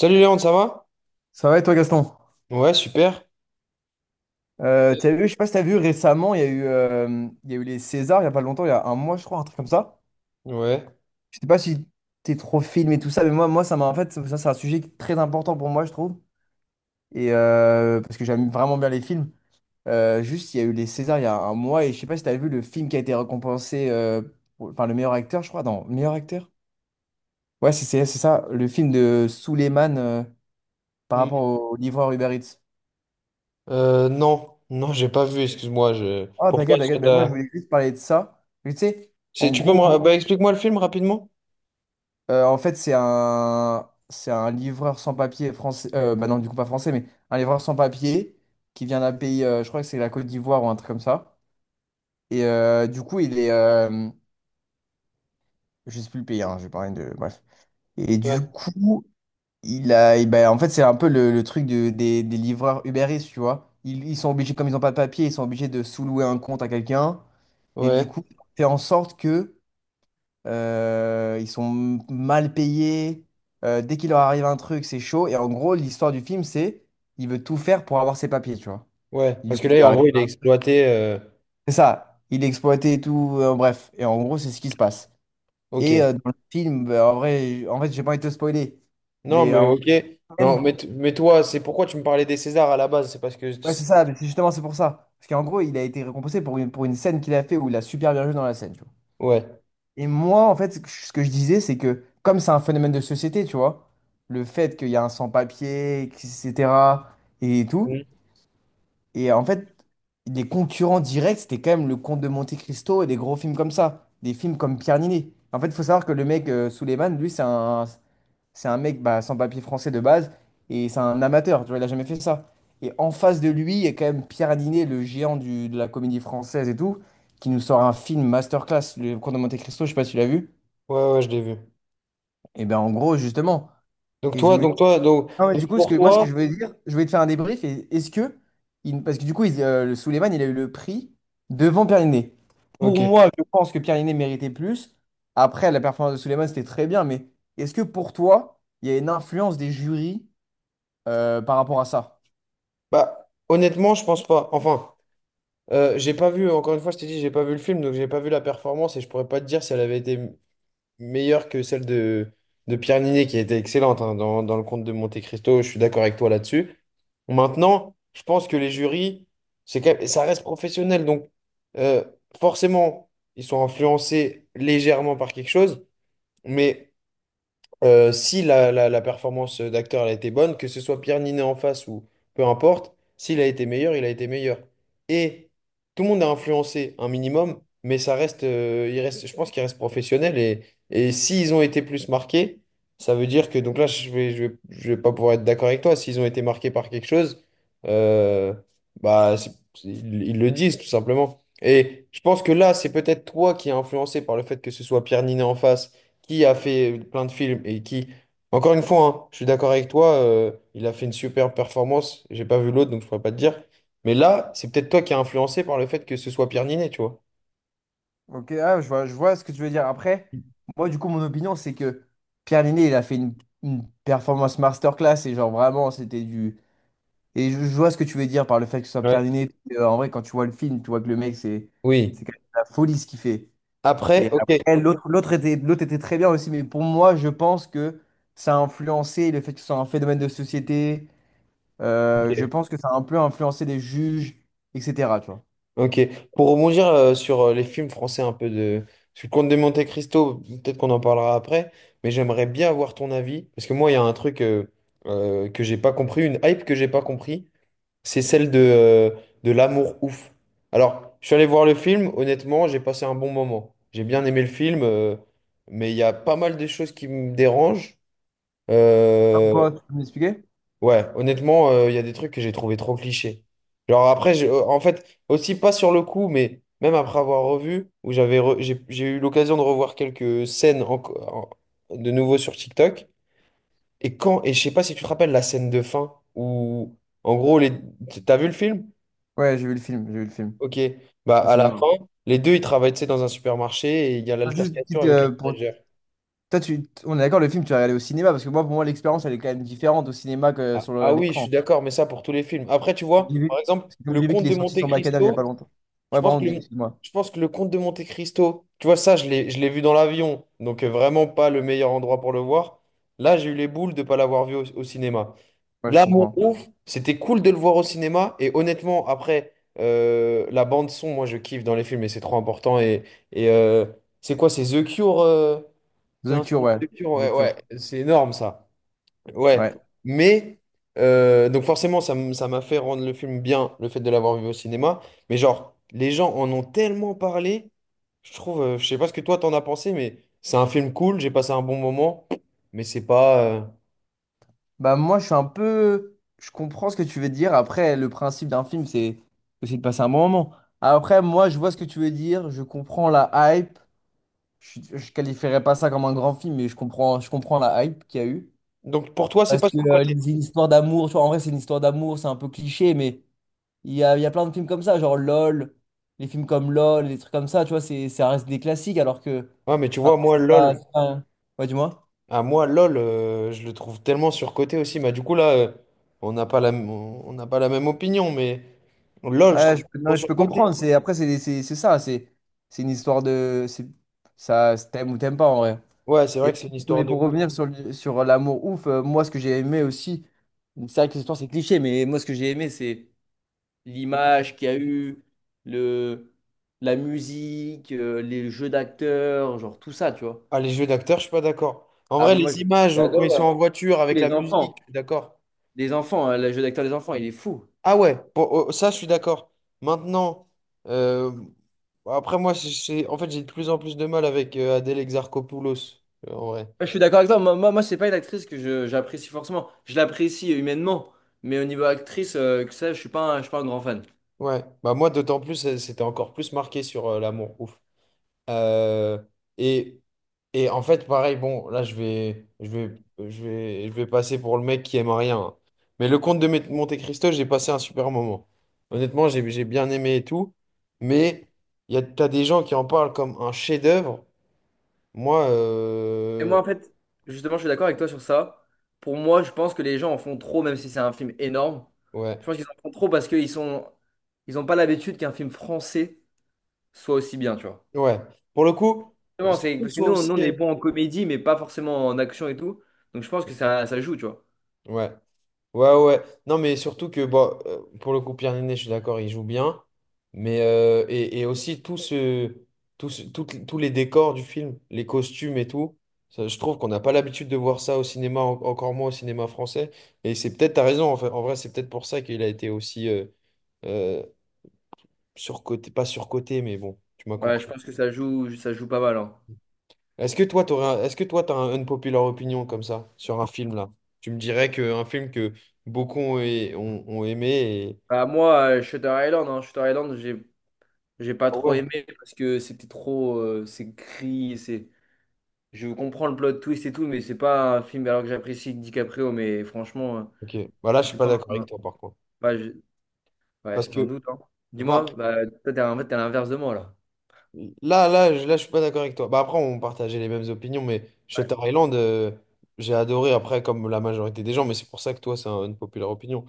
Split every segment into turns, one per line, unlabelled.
Salut Léon, ça va?
Ça va et toi, Gaston?
Ouais, super.
T'as vu, je sais pas si t'as vu récemment, il y a eu, il y a eu les Césars il y a pas longtemps, il y a un mois, je crois, un truc comme ça.
Ouais.
Je sais pas si t'es trop film et tout ça, mais moi ça m'a en fait, ça, c'est un sujet qui est très important pour moi, je trouve. Et parce que j'aime vraiment bien les films. Juste, il y a eu les Césars il y a un mois et je sais pas si t'as vu le film qui a été récompensé, enfin, le meilleur acteur, je crois, non, le meilleur acteur? Ouais, c'est ça, le film de Souleymane par
Hmm.
rapport au livreur Uber Eats.
Non, non, j'ai pas vu, excuse-moi. Je...
Ah,
Pourquoi
t'inquiète,
ça
t'inquiète, ben moi,
t'a-
je voulais juste parler de ça. Mais tu sais,
C'est-
en
Tu peux me...
gros,
ra- Bah, explique-moi le film rapidement.
En fait, c'est un livreur sans papier français. Bah non, du coup, pas français, mais un livreur sans papier qui vient d'un pays, je crois que c'est la Côte d'Ivoire ou un truc comme ça. Et du coup, il est. Je sais plus le pays, hein, je vais parler de. Bref. Et du
Ouais.
coup, il a. Et ben, en fait, c'est un peu le truc des livreurs Uber Eats, tu vois. Ils sont obligés, comme ils n'ont pas de papier, ils sont obligés de sous-louer un compte à quelqu'un. Et du
Ouais,
coup, fait en sorte que. Ils sont mal payés. Dès qu'il leur arrive un truc, c'est chaud. Et en gros, l'histoire du film, c'est il veut tout faire pour avoir ses papiers, tu vois.
ouais.
Et du
Parce que
coup, il
là, en gros,
arrive.
il est exploité.
C'est ça. Il est exploité et tout. Bref. Et en gros, c'est ce qui se passe. Et
Ok.
dans le film, bah, en vrai, en fait, j'ai pas envie de te spoiler.
Non,
Mais
mais ok. Non,
scène-
mais, mais toi, c'est pourquoi tu me parlais des Césars à la base? C'est parce que...
ouais, c'est ça. Mais c'est justement, c'est pour ça. Parce qu'en gros, il a été récompensé pour une scène qu'il a fait où il a super bien joué dans la scène, tu vois.
Ouais.
Et moi, en fait, ce que je disais, c'est que comme c'est un phénomène de société, tu vois, le fait qu'il y a un sans-papier, etc., et tout, et en fait, les concurrents directs, c'était quand même le Comte de Monte-Cristo et des gros films comme ça, des films comme Pierre Niney. En fait, il faut savoir que le mec, Suleiman, lui, c'est un mec bah, sans-papier français de base, et c'est un amateur, tu vois, il a jamais fait ça. Et en face de lui, il y a quand même Pierre Niney, le géant du, de la comédie française et tout, qui nous sort un film masterclass, le Comte de Monte-Cristo, je sais pas si tu l'as vu.
Ouais, ouais, je l'ai vu.
Et ben en gros, justement.
Donc
Et je
toi,
me dis,
donc toi, donc,
ah ouais, du
donc
coup, ce
pour
que, moi, ce que
toi,
je veux dire, je vais te faire un débrief. Et est-ce que, parce que du coup, le Souleymane, il a eu le prix devant Pierre Linné. Pour
ok.
moi, je pense que Pierre Linné méritait plus. Après, la performance de Souleymane, c'était très bien. Mais est-ce que pour toi, il y a une influence des jurys par rapport à ça?
Bah, honnêtement, je pense pas. Enfin, j'ai pas vu, encore une fois, je t'ai dit, j'ai pas vu le film, donc j'ai pas vu la performance et je pourrais pas te dire si elle avait été meilleure que celle de Pierre Niney, qui était excellente hein, dans le conte de Monte Cristo. Je suis d'accord avec toi là-dessus. Maintenant, je pense que les jurys, ça reste professionnel, donc euh, forcément, ils sont influencés légèrement par quelque chose, mais. Si la performance d'acteur elle a été bonne, que ce soit Pierre Ninet en face ou peu importe, s'il a été meilleur, il a été meilleur. Et tout le monde a influencé un minimum, mais ça reste, il reste, je pense qu'il reste professionnel. Et s'ils ont été plus marqués, ça veut dire que, donc là, je vais pas pouvoir être d'accord avec toi, s'ils ont été marqués par quelque chose, euh, bah, ils, ils le disent tout simplement. Et je pense que là, c'est peut-être toi qui es influencé par le fait que ce soit Pierre Ninet en face qui a fait plein de films et qui, encore une fois, hein, je suis d'accord avec toi, il a fait une super performance. J'ai pas vu l'autre, donc je pourrais pas te dire. Mais là, c'est peut-être toi qui as influencé par le fait que ce soit Pierre Ninet, tu vois.
Ok, ah, je vois ce que tu veux dire. Après, moi, du coup, mon opinion, c'est que Pierre Linné, il a fait une performance masterclass et genre vraiment, c'était du. Et je vois ce que tu veux dire par le fait que ce soit Pierre
Ouais.
Niney. En vrai, quand tu vois le film, tu vois que le mec, c'est
Oui.
c'est quand même la folie ce qu'il fait.
Après,
Et
ok.
après, l'autre était très bien aussi, mais pour moi, je pense que ça a influencé le fait que ce soit un phénomène de société. Je
Ok.
pense que ça a un peu influencé les juges, etc. Tu vois.
Ok. Pour rebondir sur les films français un peu de. Sur le Comte de Monte Cristo, peut-être qu'on en parlera après, mais j'aimerais bien avoir ton avis, parce que moi, il y a un truc que j'ai pas compris, une hype que j'ai pas compris. C'est celle de l'amour ouf. Alors, je suis allé voir le film, honnêtement, j'ai passé un bon moment. J'ai bien aimé le film, mais il y a pas mal de choses qui me dérangent. Euh,
Pourquoi? Tu peux m'expliquer?
ouais, honnêtement, il y a des trucs que j'ai trouvé trop clichés. Genre après, en fait, aussi pas sur le coup, mais même après avoir revu, où j'ai eu l'occasion de revoir quelques scènes de nouveau sur TikTok. Et quand, et je sais pas si tu te rappelles la scène de fin où, en gros, les, t'as vu le film?
Ouais, j'ai vu le film, j'ai vu le film
Ok. Bah,
au
à la
cinéma.
fin, les deux, ils travaillent, tu sais, dans un supermarché et il y a
Juste une
l'altercation
petite,
avec le manager.
Toi, tu... on est d'accord, le film, tu l'as regardé au cinéma, parce que moi, pour moi, l'expérience, elle est quand même différente au cinéma que
Ah,
sur le-
ah oui, je
l'écran.
suis d'accord, mais ça pour tous les films. Après, tu vois,
J'ai
par
vu-
exemple,
C'est comme
le
j'ai vu
Comte
qu'il est
de
sorti sur Macadam il n'y a pas
Monte-Cristo,
longtemps.
je
Ouais,
pense
pardon,
que le,
excuse-moi.
je pense que le Comte de Monte-Cristo, tu vois, ça, je l'ai vu dans l'avion, donc vraiment pas le meilleur endroit pour le voir. Là, j'ai eu les boules de ne pas l'avoir vu au cinéma.
Ouais, je
L'amour
comprends.
ouf, c'était cool de le voir au cinéma et honnêtement, après, la bande son, moi, je kiffe dans les films et c'est trop important et, euh, c'est quoi, c'est The Cure? C'est
The
un centre
Cure, ouais.
de culture,
The
ouais, ouais,
Cure.
c'est énorme ça. Ouais.
Ouais.
Mais, donc forcément, ça m'a fait rendre le film bien, le fait de l'avoir vu au cinéma. Mais genre, les gens en ont tellement parlé, je trouve, je sais pas ce que toi t'en as pensé, mais c'est un film cool, j'ai passé un bon moment, mais c'est pas.
Bah, moi, je suis un peu. Je comprends ce que tu veux dire. Après, le principe d'un film, c'est aussi de passer un bon moment. Après, moi, je vois ce que tu veux dire. Je comprends la hype. Je qualifierais pas ça comme un grand film, mais je comprends la hype qu'il y a eu.
Donc pour toi, c'est
Parce
pas
que
surcoté.
c'est une histoire d'amour. Tu vois, en vrai, c'est une histoire d'amour. C'est un peu cliché, mais il y a plein de films comme ça, genre LOL, les films comme LOL, les trucs comme ça, tu vois, c'est, ça reste des classiques alors que.
Ouais, mais tu vois,
alors que
moi,
c'est pas,
LOL,
c'est pas. Ouais, dis-moi.
à moi, LOL, je le trouve tellement surcoté aussi. Mais du coup, là, on n'a pas on n'a pas la même opinion, mais LOL, je
Ouais, je
trouve
peux, non,
trop
je peux
surcoté.
comprendre. C'est, après, c'est ça, c'est une histoire de. C'est- Ça, c'est t'aimes ou t'aimes pas en vrai.
Ouais, c'est
Et,
vrai que c'est une histoire
mais
de
pour
goût.
revenir sur l'amour ouf, moi, ce que j'ai aimé aussi, c'est vrai que l'histoire, c'est cliché, mais moi, ce que j'ai aimé, c'est l'image qu'il y a eu, le, la musique, les jeux d'acteurs, genre tout ça, tu vois.
Ah, les jeux d'acteurs, je suis pas d'accord. En
Ah,
vrai,
mais moi,
les
je-
images,
j'ai
oh, quand ils
adoré,
sont
hein.
en voiture
Tous
avec la
les
musique, je
enfants.
suis d'accord.
Les enfants, hein, le jeu d'acteur des enfants, il est fou.
Ah ouais, oh, ça, je suis d'accord. Maintenant, euh, après, moi, en fait, j'ai de plus en plus de mal avec Adèle Exarchopoulos, en vrai.
Moi, je suis d'accord avec toi. Moi, c'est pas une actrice que j'apprécie forcément. Je l'apprécie humainement. Mais au niveau actrice, que ça, je suis pas un grand fan.
Ouais, bah moi, d'autant plus, c'était encore plus marqué sur l'amour. Ouf. Euh, et, et en fait, pareil, bon, là, je vais passer pour le mec qui aime rien, hein. Mais le comte de Mé- Monte Cristo, j'ai passé un super moment. Honnêtement, j'ai bien aimé et tout. Mais il y a, t'as des gens qui en parlent comme un chef-d'œuvre. Moi,
Et moi, en fait, justement, je suis d'accord avec toi sur ça. Pour moi, je pense que les gens en font trop, même si c'est un film énorme.
ouais,
Je pense qu'ils en font trop parce qu'ils ont pas l'habitude qu'un film français soit aussi bien, tu vois.
ouais. Pour le coup,
Vraiment, c'est
surtout,
parce que
soit
nous, on,
aussi.
nous, on est bon en comédie, mais pas forcément en action et tout. Donc, je pense que ça joue, tu vois.
Ouais. Ouais, ouais. Non, mais surtout que, bon, pour le coup, Pierre Niney, je suis d'accord, il joue bien. Mais, et aussi, tous les décors du film, les costumes et tout, ça, je trouve qu'on n'a pas l'habitude de voir ça au cinéma, encore moins au cinéma français. Et c'est peut-être, t'as raison, en fait, en vrai, c'est peut-être pour ça qu'il a été aussi euh, surcoté, pas surcoté, mais bon, tu m'as
Ouais, je
compris.
pense que ça joue pas mal, hein.
Est-ce que toi, est-ce que toi, t'as un unpopular opinion comme ça, sur un film là? Tu me dirais qu'un film que beaucoup ont aimé et.
Bah, moi, Shutter Island, hein, Shutter Island, j'ai pas
Ah
trop
ouais.
aimé parce que c'était trop, c'est gris, c'est, je comprends le plot twist et tout, mais c'est pas un film alors que j'apprécie DiCaprio, mais franchement,
Ok, bah là je suis
c'est
pas
pas,
d'accord avec toi par contre.
bah, je- ouais,
Parce que,
j'en doute, hein.
enfin,
Dis-moi, bah, toi, t'es en fait, t'es à l'inverse de moi là.
là je suis pas d'accord avec toi. Bah après on partageait les mêmes opinions, mais Shutter
Ouais,
Island, j'ai adoré après comme la majorité des gens, mais c'est pour ça que toi une populaire opinion.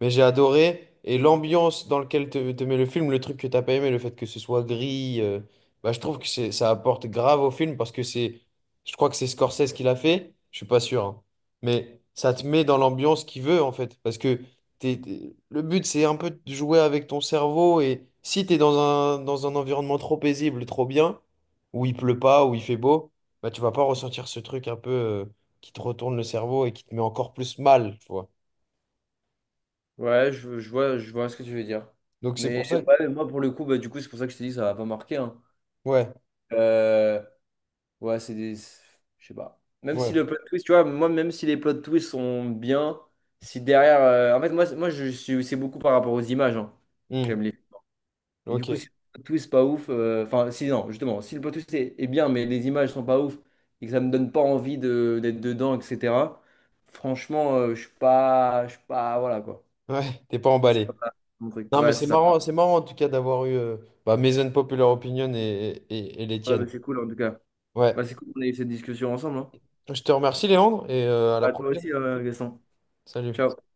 Mais j'ai adoré. Et l'ambiance dans laquelle te met le film, le truc que t'as pas aimé, le fait que ce soit gris, bah, je trouve que ça apporte grave au film parce que c'est, je crois que c'est Scorsese qui l'a fait, je suis pas sûr, hein. Mais ça te met dans l'ambiance qu'il veut en fait, parce que le but c'est un peu de jouer avec ton cerveau et si t'es dans un environnement trop paisible, trop bien, où il pleut pas, où il fait beau, bah tu vas pas ressentir ce truc un peu qui te retourne le cerveau et qui te met encore plus mal, tu vois.
ouais, je vois ce que tu veux dire.
Donc c'est
Mais
pour ça que...
ouais, moi, pour le coup, bah, du coup, c'est pour ça que je te dis, ça va pas marquer,
Ouais.
hein. Ouais, c'est des. Je sais pas. Même si
Ouais.
le plot twist, tu vois, moi, même si les plot twists sont bien, si derrière. En fait, moi, moi je suis... c'est beaucoup par rapport aux images, hein, que
Hmm.
j'aime les. Et du coup,
Ok.
si le plot twist pas ouf. Enfin, si, non, justement, si le plot twist est bien, mais les images sont pas ouf et que ça me donne pas envie de... d'être dedans, etc. Franchement, je suis pas. Je suis pas. Voilà, quoi.
Ouais, t'es pas
C'est
emballé.
pas mon truc.
Non, mais
Ouais, c'est ça.
c'est marrant en tout cas d'avoir eu bah, mes unpopular opinions et les
Ouais, bah,
tiennes.
c'est cool, en tout cas.
Ouais.
Bah, c'est cool qu'on ait eu cette discussion ensemble. Hein.
Je te remercie, Léandre, et à la
Bah, toi
prochaine.
aussi, Gaston.
Salut.
Ciao.